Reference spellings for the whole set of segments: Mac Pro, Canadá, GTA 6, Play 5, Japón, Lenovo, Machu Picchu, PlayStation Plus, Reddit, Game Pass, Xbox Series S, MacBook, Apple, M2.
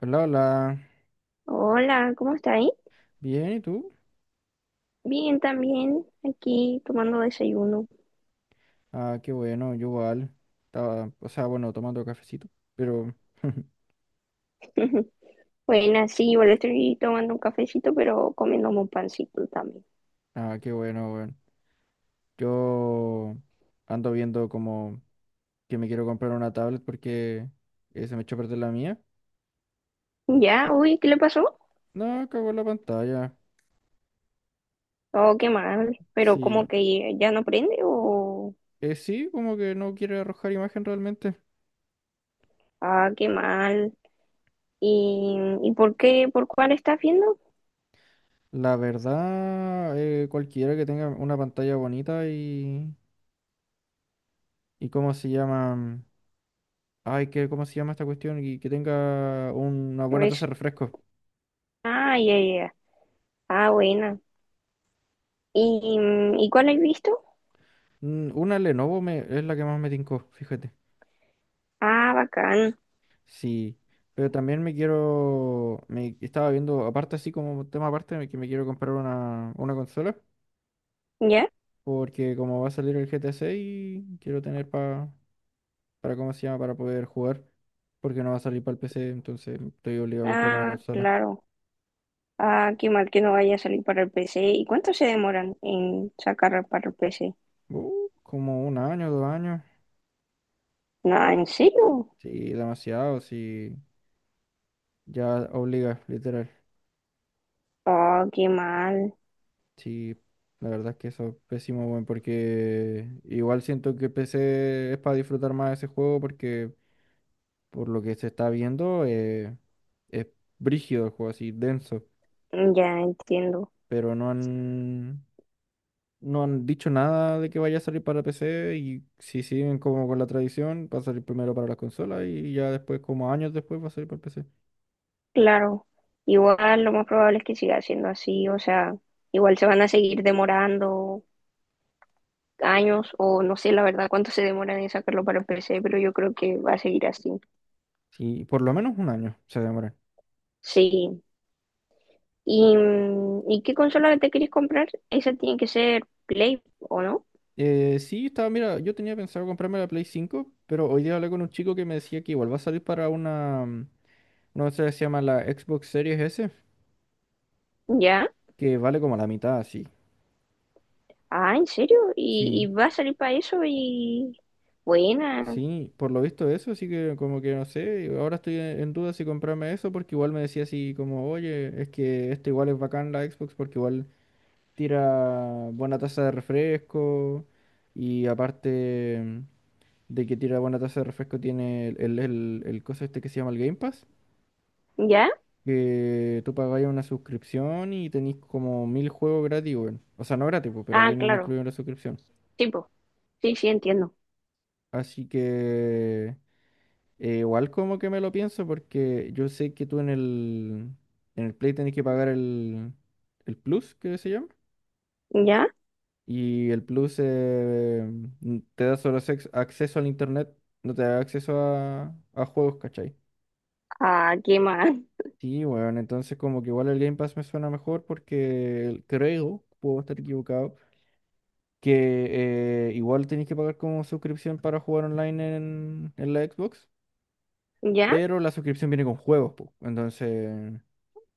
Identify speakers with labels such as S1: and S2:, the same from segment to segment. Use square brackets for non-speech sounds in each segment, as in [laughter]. S1: Hola, hola.
S2: Hola, ¿cómo está ahí?
S1: Bien, ¿y tú?
S2: Bien, también aquí tomando desayuno.
S1: Ah, qué bueno, yo igual. Estaba, o sea, bueno, tomando cafecito, pero. [laughs]
S2: [laughs] Bueno, sí, igual estoy tomando un cafecito, pero comiendo un pancito también.
S1: Ah, qué bueno, bueno. Yo ando viendo como que me quiero comprar una tablet porque se me echó a perder la mía.
S2: Ya, uy, ¿qué le pasó?
S1: No, cagó la pantalla.
S2: Oh, qué mal. Pero como
S1: Sí.
S2: que ya no prende o...
S1: Sí, como que no quiere arrojar imagen realmente.
S2: Ah, qué mal. ¿Y, y por qué? ¿Por cuál estás viendo?
S1: La verdad, cualquiera que tenga una pantalla bonita y, ¿y cómo se llama? Ay, que, ¿cómo se llama esta cuestión? Y que tenga una buena taza
S2: Res-
S1: de refresco.
S2: Ah, ya, ya. Ya. Ah, buena. ¿Y, ¿y cuál has visto?
S1: Una Lenovo es la que más me tincó, fíjate.
S2: Ah, bacán.
S1: Sí, pero también me estaba viendo, aparte así como tema aparte, que me quiero comprar una consola.
S2: ¿Ya?
S1: Porque como va a salir el GTA 6, quiero tener para, ¿cómo se llama? Para poder jugar. Porque no va a salir para el PC, entonces estoy obligado a comprarme una
S2: Ah,
S1: consola.
S2: claro. Ah, qué mal que no vaya a salir para el PC. ¿Y cuánto se demoran en sacar para el PC?
S1: Como un año, 2 años.
S2: Nada, ¿en serio?
S1: Sí, demasiado, sí. Ya obliga, literal.
S2: Oh, qué mal.
S1: Sí, la verdad es que eso es pésimo, weón, porque igual siento que PC es para disfrutar más ese juego, porque por lo que se está viendo es brígido el juego, así denso,
S2: Mm, ya entiendo.
S1: pero no han dicho nada de que vaya a salir para PC, y si siguen como con la tradición, va a salir primero para las consolas y ya después, como años después, va a salir para el PC.
S2: Claro. Igual lo más probable es que siga siendo así. O sea, igual se van a seguir demorando años o no sé la verdad cuánto se demoran en sacarlo para el PC, pero yo creo que va a seguir así.
S1: Sí, por lo menos un año se demora.
S2: Sí. ¿Y qué consola te quieres comprar? Esa tiene que ser Play, ¿o no?
S1: Sí, estaba, mira, yo tenía pensado comprarme la Play 5, pero hoy día hablé con un chico que me decía que igual va a salir para una cosa que se llama la Xbox Series S,
S2: Ya.
S1: que vale como la mitad, sí.
S2: Ah, ¿en serio? ¿Y,
S1: Sí,
S2: y va a salir para eso? Y buena,
S1: sí, por lo visto eso, así que como que no sé, ahora estoy en duda si comprarme eso, porque igual me decía así como, oye, es que este igual es bacán la Xbox, porque igual tira buena tasa de refresco, y aparte de que tira buena tasa de refresco tiene el coso este que se llama el Game Pass.
S2: ¿ya?
S1: Que tú pagáis una suscripción y tenéis como mil juegos gratis, weón. O sea, no gratis, pues, pero
S2: Ah,
S1: vienen
S2: claro,
S1: incluidos en la suscripción.
S2: sí, po. Sí, sí, entiendo.
S1: Así que igual como que me lo pienso porque yo sé que tú en el Play tenés que pagar el Plus, que se llama.
S2: ¿Ya?
S1: Y el Plus te da solo acceso al Internet, no te da acceso a juegos, ¿cachai?
S2: Ah, ¿qué más? [laughs]
S1: Sí, bueno, entonces como que igual el Game Pass me suena mejor porque creo, puedo estar equivocado, que igual tenéis que pagar como suscripción para jugar online en la Xbox,
S2: ¿Ya?
S1: pero la suscripción viene con juegos, po. Entonces,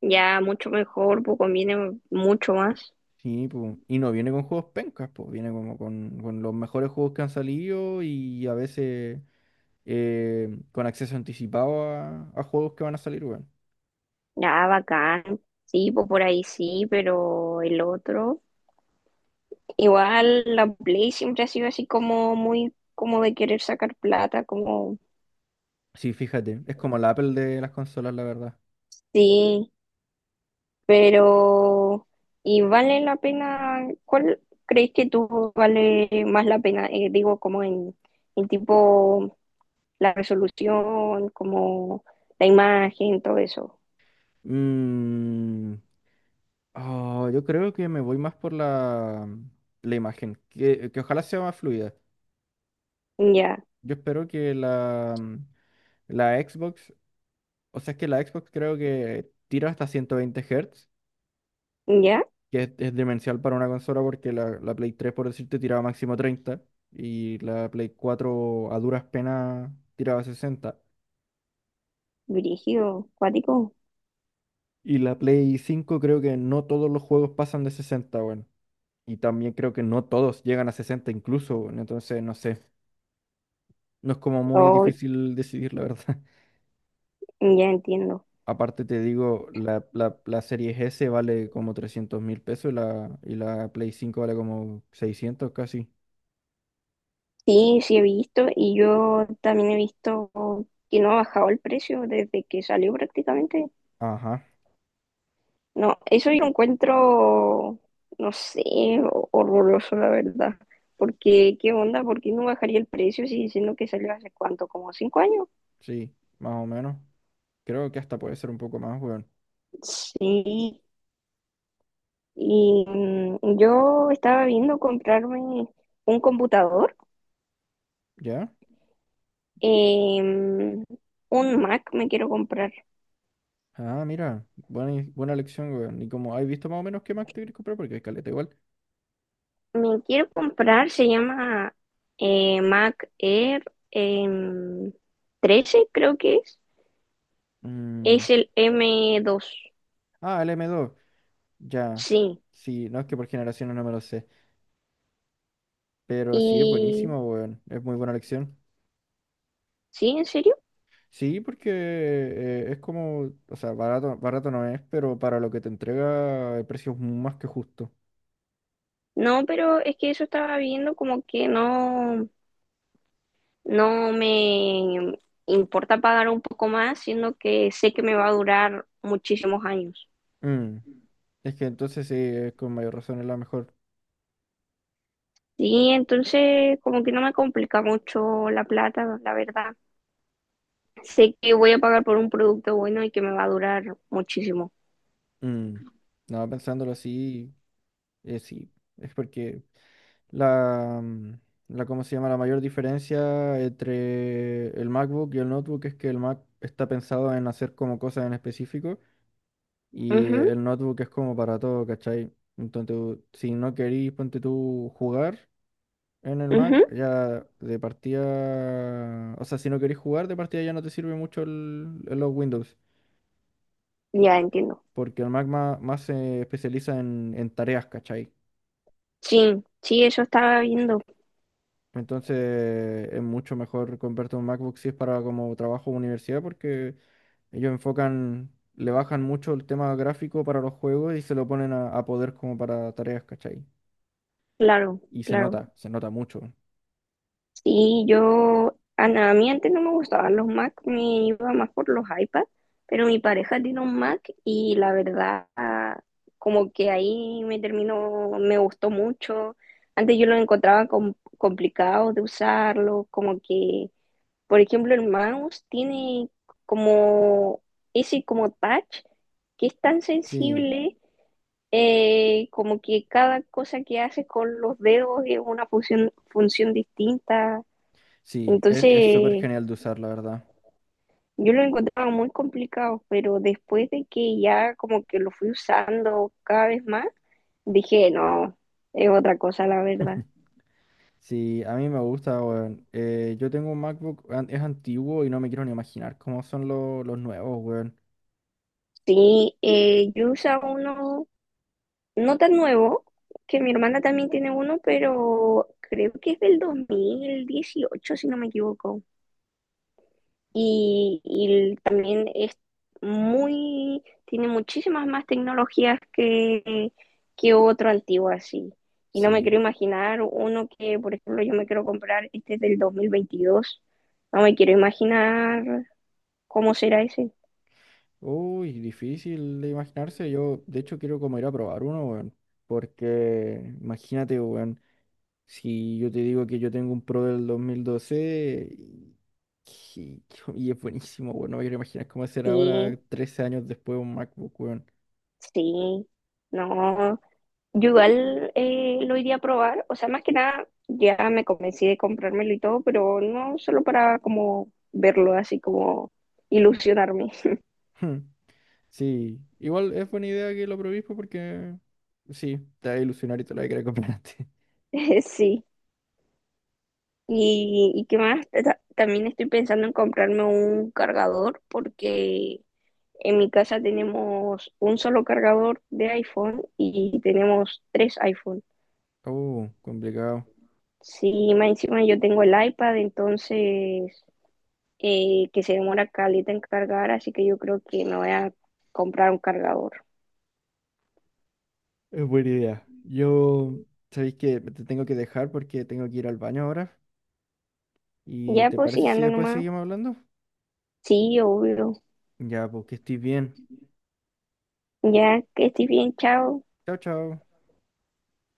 S2: Ya, mucho mejor, pues conviene mucho más.
S1: sí, po. Y no viene con juegos pencas, pues, viene como con los mejores juegos que han salido y a veces con acceso anticipado a juegos que van a salir, weón.
S2: Ya, bacán. Sí, pues por ahí sí, pero el otro. Igual la Play siempre ha sido así como muy, como de querer sacar plata, como,
S1: Sí, fíjate, es como la Apple de las consolas, la verdad.
S2: sí. Pero, ¿y vale la pena? ¿Cuál crees que tú vale más la pena? Digo, como en tipo la resolución, como la imagen, todo eso.
S1: Mm, yo creo que me voy más por la imagen, que ojalá sea más fluida.
S2: Ya,
S1: Yo espero que la Xbox, o sea, es que la Xbox creo que tira hasta 120 Hz,
S2: ya,
S1: que es demencial para una consola, porque la Play 3, por decirte, tiraba máximo 30, y la Play 4 a duras penas tiraba 60.
S2: dirigido, cuático.
S1: Y la Play 5 creo que no todos los juegos pasan de 60, bueno. Y también creo que no todos llegan a 60 incluso, weón. Entonces, no sé, no es como muy
S2: Oh,
S1: difícil decidir, la verdad.
S2: ya entiendo.
S1: Aparte te digo, la Series S vale como 300.000 pesos, y la Play 5 vale como 600 casi.
S2: Sí, sí he visto y yo también he visto que no ha bajado el precio desde que salió prácticamente.
S1: Ajá,
S2: No, eso yo lo encuentro, no sé, horroroso, la verdad. Porque, ¿qué onda? ¿Por qué no bajaría el precio si diciendo que salió hace cuánto? ¿Como 5 años?
S1: sí, más o menos. Creo que hasta puede ser un poco más, weón.
S2: Sí. Y yo estaba viendo comprarme un computador,
S1: ¿Ya?
S2: em, un Mac me quiero comprar.
S1: Ah, mira, buena, buena elección, weón. Y como has visto más o menos qué Mac te quieres comprar, porque hay caleta igual.
S2: Me quiero comprar, se llama Mac Air em, 13, creo que es.
S1: Mm,
S2: Es el M2.
S1: el M2, ya.
S2: Sí,
S1: Sí, no es que por generaciones no me lo sé, pero sí es
S2: y
S1: buenísimo, weón. Es muy buena elección.
S2: sí, ¿en serio?
S1: Sí, porque es como, o sea, barato, barato no es, pero para lo que te entrega el precio es más que justo.
S2: No, pero es que eso estaba viendo como que no, no me importa pagar un poco más, siendo que sé que me va a durar muchísimos años.
S1: Mm, Es que entonces sí, es con mayor razón es la mejor.
S2: Sí, entonces como que no me complica mucho la plata, la verdad. Sé que voy a pagar por un producto bueno y que me va a durar muchísimo.
S1: Mm, No, pensándolo así, sí, es porque la, mm, la, ¿cómo se llama? La mayor diferencia entre el MacBook y el notebook es que el Mac está pensado en hacer como cosas en específico, y
S2: Ujú,
S1: el notebook es como para todo, ¿cachai? Entonces, si no querís, ponte tú, jugar. En el
S2: ujú,
S1: Mac ya de partida, o sea, si no queréis jugar de partida ya no te sirve mucho los Windows,
S2: ya entiendo.
S1: porque el Mac más se especializa en tareas, ¿cachai?
S2: Sí, sí, eso estaba viendo,
S1: Entonces es mucho mejor comprarte un MacBook si es para como trabajo o universidad, porque ellos enfocan, le bajan mucho el tema gráfico para los juegos y se lo ponen a poder como para tareas, ¿cachai?
S2: claro,
S1: Y
S2: claro.
S1: se nota mucho.
S2: Sí, yo, a mí antes no me gustaban los Mac, me iba más por los iPad, pero mi pareja tiene un Mac y la verdad, como que ahí me terminó, me gustó mucho. Antes yo lo encontraba complicado de usarlo, como que, por ejemplo, el mouse tiene como ese como touch que es tan
S1: Sí,
S2: sensible, como que cada cosa que haces con los dedos es una función distinta.
S1: sí, es súper
S2: Entonces,
S1: genial de usar, la verdad.
S2: yo lo encontraba muy complicado, pero después de que ya como que lo fui usando cada vez más, dije, no, es otra cosa la verdad.
S1: [laughs] Sí, a mí me gusta, weón. Yo tengo un MacBook, es antiguo, y no me quiero ni imaginar cómo son los nuevos, weón.
S2: Sí, yo usaba uno no tan nuevo, que mi hermana también tiene uno, pero creo que es del 2018 si no me equivoco. Y también es muy, tiene muchísimas más tecnologías que otro antiguo así. Y no me
S1: Sí.
S2: quiero imaginar uno que, por ejemplo, yo me quiero comprar, este es del 2022, no me quiero imaginar cómo será ese.
S1: Uy, difícil de imaginarse. Yo, de hecho, quiero como ir a probar uno, weón. Porque, imagínate, weón, si yo te digo que yo tengo un Pro del 2012 y- y es buenísimo, weón. No me quiero imaginar cómo será ahora,
S2: Sí,
S1: 13 años después, un MacBook, weón.
S2: sí, no. Yo igual lo iría a probar, o sea, más que nada ya me convencí de comprármelo y todo, pero no solo para como verlo así como ilusionarme.
S1: [laughs] Sí, igual es buena idea que lo probéis, pues, porque sí, te va a ilusionar y te lo vas a querer comprar antes. [laughs]
S2: [laughs] Sí, y qué más, también estoy pensando en comprarme un cargador porque en mi casa tenemos un solo cargador de iPhone y tenemos tres iPhone.
S1: Oh, complicado.
S2: Sí, más encima yo tengo el iPad, entonces que se demora caleta en cargar, así que yo creo que me voy a comprar un cargador.
S1: Es buena idea. Yo, sabéis que te tengo que dejar porque tengo que ir al baño ahora. ¿Y
S2: Ya
S1: te
S2: pues sí,
S1: parece si
S2: anda
S1: después
S2: nomás.
S1: seguimos hablando?
S2: Sí, obvio.
S1: Ya, pues que estés bien.
S2: Ya que estoy bien, chao.
S1: Chao, chao.